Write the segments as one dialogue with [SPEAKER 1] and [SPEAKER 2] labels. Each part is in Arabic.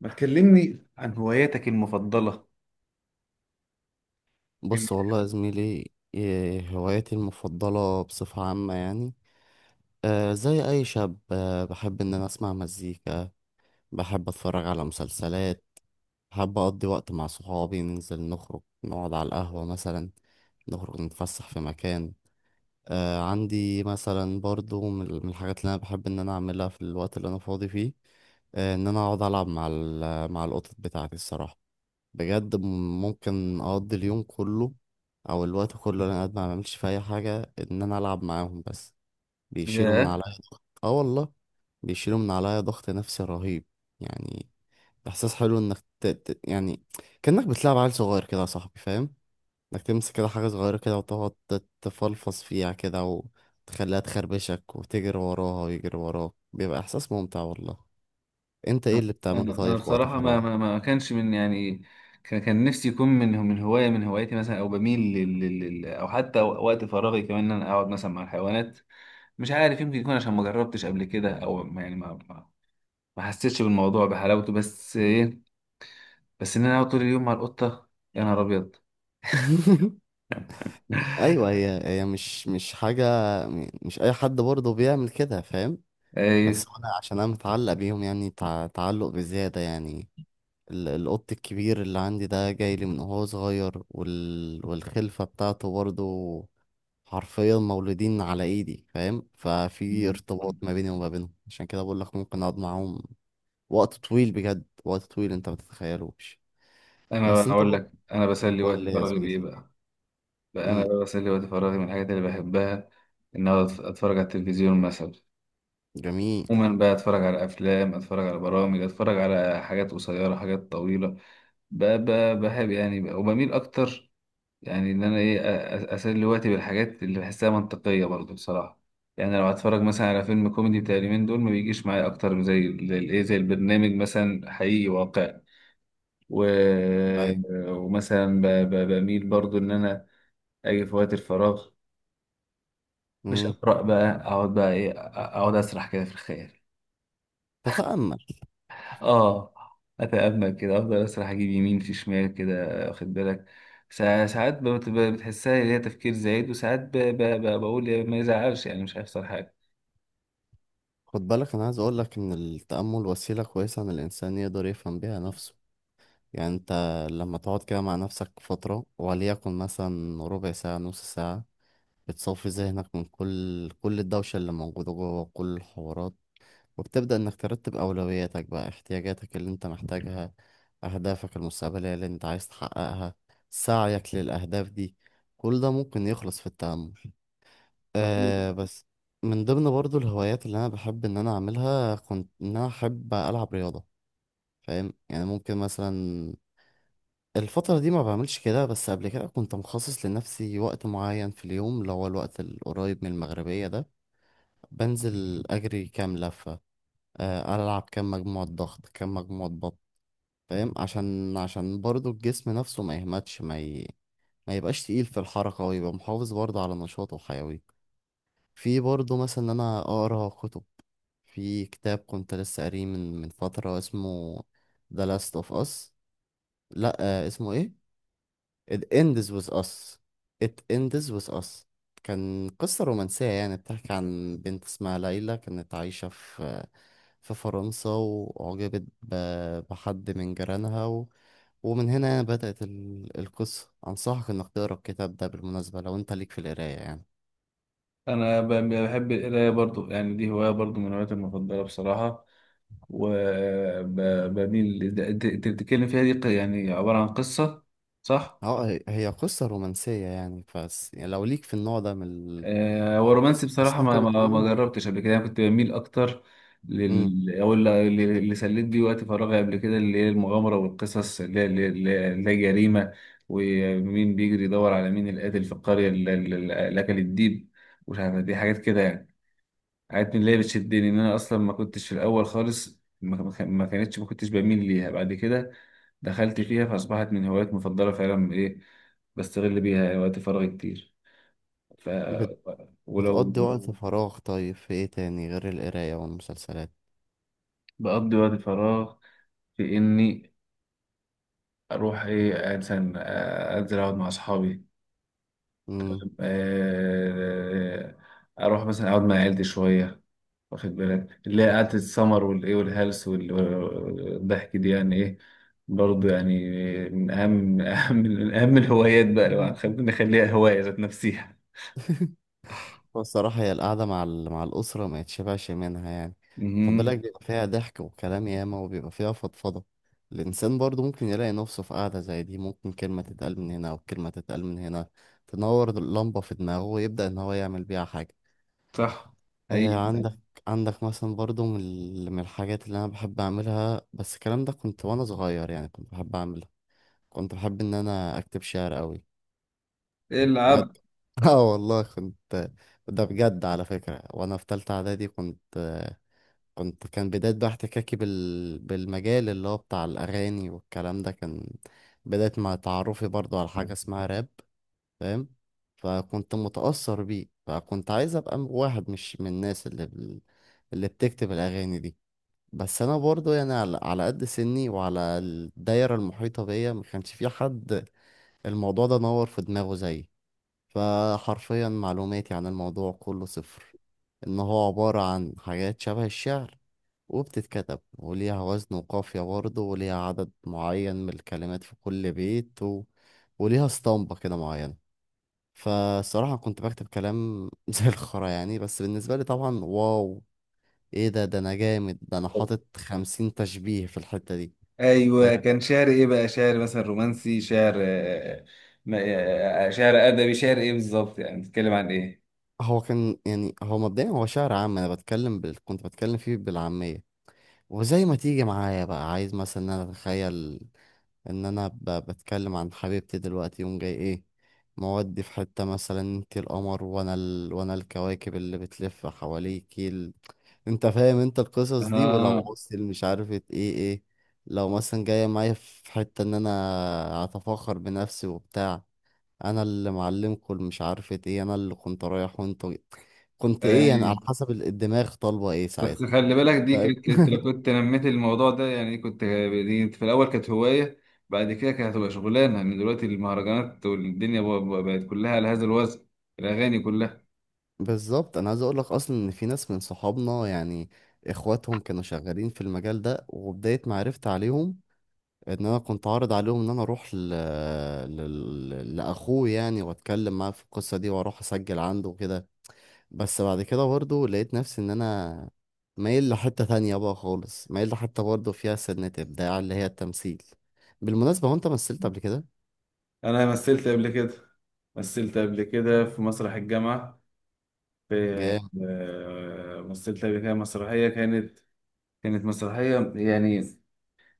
[SPEAKER 1] ما تكلمني عن هواياتك المفضلة؟ ال-
[SPEAKER 2] بص والله يا زميلي، إيه هوايتي المفضلة بصفة عامة يعني؟ زي أي شاب، بحب إن أنا أسمع مزيكا. بحب أتفرج على مسلسلات. بحب أقضي وقت مع صحابي، ننزل نخرج نقعد على القهوة مثلا، نخرج نتفسح في مكان. آه، عندي مثلا برضو من الحاجات اللي أنا بحب إن أنا أعملها في الوقت اللي أنا فاضي فيه. آه، إن أنا أقعد ألعب مع القطط بتاعتي الصراحة. بجد ممكن اقضي اليوم كله، او الوقت كله اللي انا قاعد ما بعملش في اي حاجه ان انا العب معاهم بس. بيشيلوا من
[SPEAKER 1] ياه.
[SPEAKER 2] عليا ضغط، اه والله. بيشيلوا من عليا ضغط نفسي رهيب يعني. احساس حلو انك يعني كانك بتلعب عيل صغير كده يا صاحبي فاهم. انك تمسك كده حاجه صغيره كده، وتقعد تفلفص فيها كده، وتخليها تخربشك وتجري وراها ويجري وراك، بيبقى احساس ممتع والله. انت ايه اللي بتعمله
[SPEAKER 1] انا
[SPEAKER 2] طيب في وقت
[SPEAKER 1] بصراحه ما
[SPEAKER 2] فراغ؟
[SPEAKER 1] ما ما كانش من يعني كان نفسي يكون من هوايه من هواياتي مثلا، او بميل او حتى وقت فراغي كمان ان انا اقعد مثلا مع الحيوانات. مش عارف، يمكن يكون عشان ما جربتش قبل كده، او ما- يعني ما حسيتش بالموضوع بحلاوته، بس ايه، بس ان انا اقعد طول اليوم مع القطه، يا نهار ابيض!
[SPEAKER 2] ايوه. هي مش حاجه. مش اي حد برضه بيعمل كده فاهم.
[SPEAKER 1] ايه،
[SPEAKER 2] بس انا عشان انا متعلق بيهم يعني، تعلق بزياده يعني. القط الكبير اللي عندي ده جاي لي من وهو صغير، والخلفه بتاعته برضه حرفيا مولودين على ايدي فاهم. ففي ارتباط ما بيني وما بينهم، عشان كده بقول لك ممكن اقعد معاهم وقت طويل، بجد وقت طويل انت ما تتخيلوش.
[SPEAKER 1] انا
[SPEAKER 2] بس انت
[SPEAKER 1] اقول
[SPEAKER 2] برضه،
[SPEAKER 1] لك انا بسلي وقت
[SPEAKER 2] قول لي يا
[SPEAKER 1] فراغي بايه
[SPEAKER 2] زميلي.
[SPEAKER 1] بقى. بقى أنا
[SPEAKER 2] امم.
[SPEAKER 1] بقى بسلي وقت فراغي من الحاجات اللي بحبها، إن أقعد أتفرج على التلفزيون مثلا.
[SPEAKER 2] جميل.
[SPEAKER 1] عموما بقى أتفرج على أفلام، أتفرج على برامج، أتفرج على حاجات قصيرة، حاجات طويلة. بقى بحب يعني بقى وبميل أكتر، يعني إن أنا أسلي وقتي بالحاجات اللي بحسها منطقية برضه بصراحة. يعني لو هتفرج مثلا على فيلم كوميدي بتاع اليومين دول، ما بيجيش معايا أكتر من زي البرنامج مثلا حقيقي واقعي. و...
[SPEAKER 2] ايوه.
[SPEAKER 1] ومثلا بميل برضه إن أنا أجي في وقت الفراغ، مش
[SPEAKER 2] امم.
[SPEAKER 1] اقرا بقى، اقعد بقى ايه، اقعد اسرح كده في الخيال.
[SPEAKER 2] تتأمل.
[SPEAKER 1] اه، اتامل كده، افضل اسرح، اجيب يمين في شمال كده، واخد بالك. ساعات بتحسها اللي هي تفكير زايد، وساعات بقول يا ما يزعلش، يعني مش هيحصل حاجه.
[SPEAKER 2] خد بالك، انا عايز اقول لك ان التأمل وسيلة كويسة ان الانسان يقدر يفهم بيها نفسه. يعني انت لما تقعد كده مع نفسك فترة، وليكن مثلا ربع ساعة نص ساعة، بتصفي ذهنك من كل الدوشة اللي موجودة جوه، كل الحوارات، وبتبدأ انك ترتب اولوياتك بقى، احتياجاتك اللي انت محتاجها، اهدافك المستقبلية اللي انت عايز تحققها، سعيك للاهداف دي، كل ده ممكن يخلص في التأمل.
[SPEAKER 1] فاهمين.
[SPEAKER 2] آه بس، من ضمن برضو الهوايات اللي انا بحب ان انا اعملها، كنت ان انا احب العب رياضه فاهم. يعني ممكن مثلا الفتره دي ما بعملش كده، بس قبل كده كنت مخصص لنفسي وقت معين في اليوم اللي هو الوقت القريب من المغربيه ده، بنزل اجري كام لفه، آه العب كام مجموعه ضغط كام مجموعه بط فاهم. عشان برضو الجسم نفسه ما يهمتش، ما يبقاش تقيل في الحركه، ويبقى محافظ برضو على نشاطه وحيويته. في برضه مثلا إن أنا أقرأ كتب. في كتاب كنت لسه قاريه من فترة، اسمه The Last of Us. لأ آه، اسمه إيه؟ It Ends With Us. It Ends With Us. كان قصة رومانسية يعني، بتحكي عن بنت اسمها ليلى، كانت عايشة في في فرنسا، بحد من جيرانها، ومن هنا يعني بدأت القصة. أنصحك إنك تقرأ الكتاب ده بالمناسبة لو أنت ليك في القراية يعني.
[SPEAKER 1] انا بحب القرايه برضو، يعني دي هوايه برضو من هواياتي المفضله بصراحه، وبميل تتكلم فيها دي يعني عباره عن قصه، صح؟
[SPEAKER 2] اه، هي قصة رومانسية يعني، بس يعني لو ليك في النوع ده
[SPEAKER 1] آه، هو رومانسي
[SPEAKER 2] قصة، بس
[SPEAKER 1] بصراحة،
[SPEAKER 2] انت
[SPEAKER 1] ما
[SPEAKER 2] بتقول.
[SPEAKER 1] جربتش قبل كده. أنا كنت بميل أكتر
[SPEAKER 2] امم.
[SPEAKER 1] أو اللي سليت بيه وقت فراغي قبل كده، اللي هي المغامرة والقصص اللي هي جريمة، ومين بيجري يدور على مين القاتل في القرية اللي أكل الديب. مش عارف، دي حاجات كده يعني، حاجات من اللي هي بتشدني، إن أنا أصلا ما كنتش في الأول خالص، ما كنتش بميل ليها. بعد كده دخلت فيها فأصبحت من هوايات مفضلة فعلا، إيه، بستغل بيها وقت فراغي كتير. ف
[SPEAKER 2] بت...
[SPEAKER 1] ولو
[SPEAKER 2] بتقضي وقت فراغ طيب في ايه تاني غير القراية والمسلسلات؟
[SPEAKER 1] بقضي وقت فراغ في إني أروح إيه مثلا، آه، أنزل أقعد مع أصحابي،
[SPEAKER 2] امم.
[SPEAKER 1] آه، أروح مثلا أقعد مع عيلتي شوية، واخد بالك، اللي هي قعدة السمر والإيه والهلس والضحك دي يعني إيه، برضه يعني، من أهم الهوايات بقى، لو نخليها هواية ذات نفسيها.
[SPEAKER 2] الصراحة هي القعدة مع الأسرة ما يتشبعش منها يعني. خد
[SPEAKER 1] مهم.
[SPEAKER 2] بالك، بيبقى فيها ضحك وكلام ياما، وبيبقى فيها فضفضة. الإنسان برضه ممكن يلاقي نفسه في قعدة زي دي، ممكن كلمة تتقال من هنا أو كلمة تتقال من هنا، تنور اللمبة في دماغه ويبدأ إن هو يعمل بيها حاجة.
[SPEAKER 1] صح،
[SPEAKER 2] آه،
[SPEAKER 1] حقيقي.
[SPEAKER 2] عندك. عندك مثلا برضو من الحاجات اللي انا بحب اعملها، بس الكلام ده كنت وانا صغير يعني كنت بحب اعملها. كنت بحب ان انا اكتب شعر قوي
[SPEAKER 1] العب.
[SPEAKER 2] بجد. اه والله كنت. ده بجد على فكرة، وانا في تالتة اعدادي كنت كنت كان بداية بقى احتكاكي بالمجال اللي هو بتاع الاغاني والكلام ده، كان بداية مع تعرفي برضو على حاجة اسمها راب فاهم. فكنت متأثر بيه، فكنت عايز ابقى واحد مش من الناس اللي بتكتب الاغاني دي. بس انا برضو يعني على قد سني وعلى الدايرة المحيطة بيا ما كانش في حد الموضوع ده نور في دماغه زيي. فحرفيا معلوماتي عن الموضوع كله صفر، ان هو عبارة عن حاجات شبه الشعر، وبتتكتب وليها وزن وقافية برضه، وليها عدد معين من الكلمات في كل بيت، وليها اسطمبة كده معينة. فالصراحة كنت بكتب كلام زي الخرا يعني، بس بالنسبة لي طبعا واو، ايه ده انا جامد، ده انا حاطط 50 تشبيه في الحتة دي
[SPEAKER 1] ايوه،
[SPEAKER 2] فاهم.
[SPEAKER 1] كان شعر ايه بقى؟ شعر مثلا رومانسي، شعر، آه، آه، آه، شعر ادبي، شعر ايه بالظبط؟ يعني بتتكلم عن ايه؟
[SPEAKER 2] هو كان يعني هو مبدئيا هو شعر عام. انا بتكلم كنت بتكلم فيه بالعامية، وزي ما تيجي معايا بقى عايز مثلا إن انا اتخيل ان انا بتكلم عن حبيبتي دلوقتي، يوم جاي ايه مودي، في حتة مثلا انت القمر وانا وانا الكواكب اللي بتلف حواليكي انت فاهم انت القصص دي، ولو
[SPEAKER 1] اه.
[SPEAKER 2] عوزت مش عارفة ايه. ايه. لو مثلا جاية معايا في حتة ان انا اتفاخر بنفسي وبتاع، انا اللي معلمكم مش عارفة ايه، انا اللي كنت رايح، وانت كنت ايه يعني،
[SPEAKER 1] اي،
[SPEAKER 2] على حسب الدماغ طالبة ايه ساعتها.
[SPEAKER 1] بس خلي بالك، دي
[SPEAKER 2] فاهم؟
[SPEAKER 1] كانت، انت لو كنت نميت الموضوع ده يعني، كنت دي في الاول كانت هوايه، بعد كده كانت هتبقى شغلانه، لان دلوقتي المهرجانات والدنيا بقت كلها على هذا الوزن، الاغاني كلها.
[SPEAKER 2] بالظبط. انا عايز اقول لك اصلا ان في ناس من صحابنا يعني اخواتهم كانوا شغالين في المجال ده، وبداية ما عرفت عليهم ان انا كنت عارض عليهم ان انا اروح لاخوه يعني واتكلم معاه في القصة دي واروح اسجل عنده وكده. بس بعد كده برضه لقيت نفسي ان انا مايل لحتة تانية بقى خالص، مايل لحتة برضه فيها سنة ابداع اللي هي التمثيل. بالمناسبة، هو انت مثلت قبل كده؟
[SPEAKER 1] انا مثلت قبل كده، مثلت قبل كده في مسرح الجامعه. في
[SPEAKER 2] جامد.
[SPEAKER 1] آه، مثلت قبل كده مسرحيه، كانت مسرحية يعني.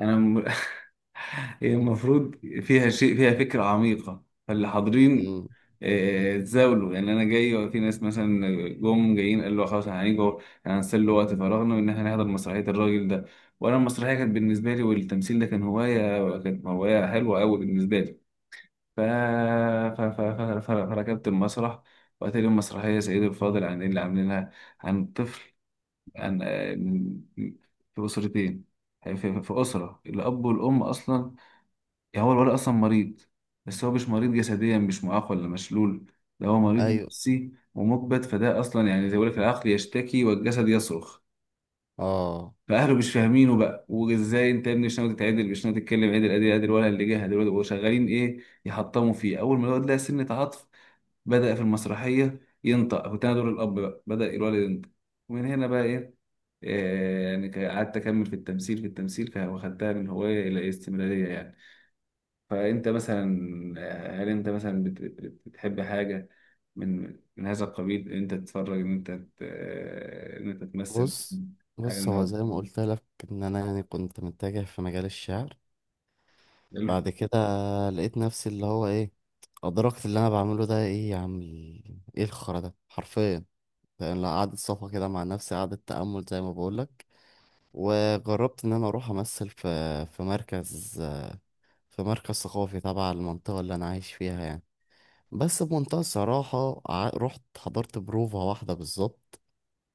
[SPEAKER 1] أنا م... هي المفروض فيها شيء، فيها فكرة عميقة، فاللي حاضرين
[SPEAKER 2] مم.
[SPEAKER 1] آه، اتزاولوا يعني. أنا جاي وفي ناس مثلا جم جايين، قالوا له خلاص هنيجي، هنسلي وقت فراغنا وإن إحنا نحضر مسرحية الراجل ده. وأنا المسرحية كانت بالنسبة لي، والتمثيل ده كان هواية، كانت هواية حلوة أوي بالنسبة لي، فركبت المسرح. وقت لي المسرحية سيد الفاضل عن اللي عاملينها، عن طفل يعني، في أسرتين، في أسرة الأب والأم أصلا، يعني هو الولد أصلا مريض، بس هو مش مريض جسديا، مش معاق ولا مشلول، ده هو مريض
[SPEAKER 2] ايوه.
[SPEAKER 1] نفسي ومكبت، فده أصلا يعني زي ما بيقول لك، العقل يشتكي والجسد يصرخ.
[SPEAKER 2] اه.
[SPEAKER 1] فأهله مش فاهمينه بقى، وإزاي أنت يا ابني مش ناوي تتعدل، مش ناوي تتكلم عدل، أدي أدي الولد اللي جه دلوقتي وشغالين إيه يحطموا فيه. أول ما الولد لقى سنة عطف، بدأ في المسرحية ينطق، كنت أنا دور الأب بقى، بدأ الولد ينطق. ومن هنا بقى، إيه إيه، يعني قعدت أكمل في التمثيل واخدتها من هواية إلى استمرارية يعني. فأنت مثلا، آه، هل أنت مثلا بتحب حاجة من هذا القبيل؟ إن أنت تتفرج، إن أنت آه، إن أنت تمثل
[SPEAKER 2] بص.
[SPEAKER 1] حاجة
[SPEAKER 2] بص
[SPEAKER 1] من
[SPEAKER 2] هو
[SPEAKER 1] هو.
[SPEAKER 2] زي ما قلت لك، ان انا يعني كنت متجه في مجال الشعر.
[SPEAKER 1] حلو.
[SPEAKER 2] بعد كده لقيت نفسي اللي هو ايه، ادركت اللي انا بعمله ده ايه يا عم ايه الخرا ده حرفيا. يعني قعدت صفا كده مع نفسي، قعدت تأمل زي ما بقول لك، وجربت ان انا اروح امثل في في مركز، في مركز ثقافي تبع المنطقة اللي انا عايش فيها يعني. بس بمنتهى الصراحة رحت حضرت بروفة واحدة بالظبط،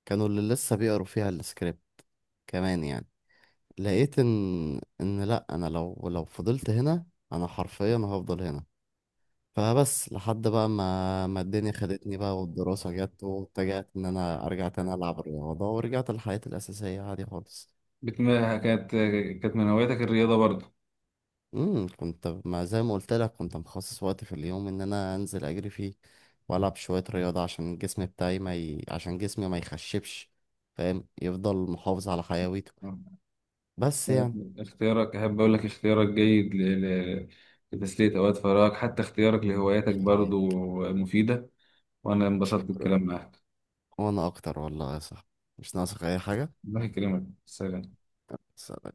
[SPEAKER 2] كانوا اللي لسه بيقروا فيها السكريبت كمان يعني. لقيت ان لا انا لو فضلت هنا انا حرفيا هفضل هنا. فبس لحد بقى ما الدنيا خدتني بقى والدراسة جت، واتجهت ان انا ارجع تاني العب رياضة، ورجعت لحياتي الاساسية عادي خالص.
[SPEAKER 1] بتم- كانت كانت من هواياتك الرياضة برضه؟
[SPEAKER 2] امم، كنت، ما زي ما قلت لك كنت مخصص وقت في اليوم ان انا انزل اجري فيه والعب شوية رياضة عشان الجسم بتاعي ما ي... عشان جسمي ما يخشبش فاهم، يفضل محافظ على حيويته.
[SPEAKER 1] آه.
[SPEAKER 2] بس يعني.
[SPEAKER 1] اختيارك، أحب أقول لك اختيارك جيد لتسلية أوقات فراغك، حتى اختيارك
[SPEAKER 2] الله
[SPEAKER 1] لهواياتك برضو
[SPEAKER 2] يخليك.
[SPEAKER 1] مفيدة، وأنا انبسطت
[SPEAKER 2] شكرا.
[SPEAKER 1] بالكلام معاك.
[SPEAKER 2] وانا اكتر والله يا صاحبي، مش ناقصك اي حاجة.
[SPEAKER 1] الله يكرمك، سلام.
[SPEAKER 2] بس.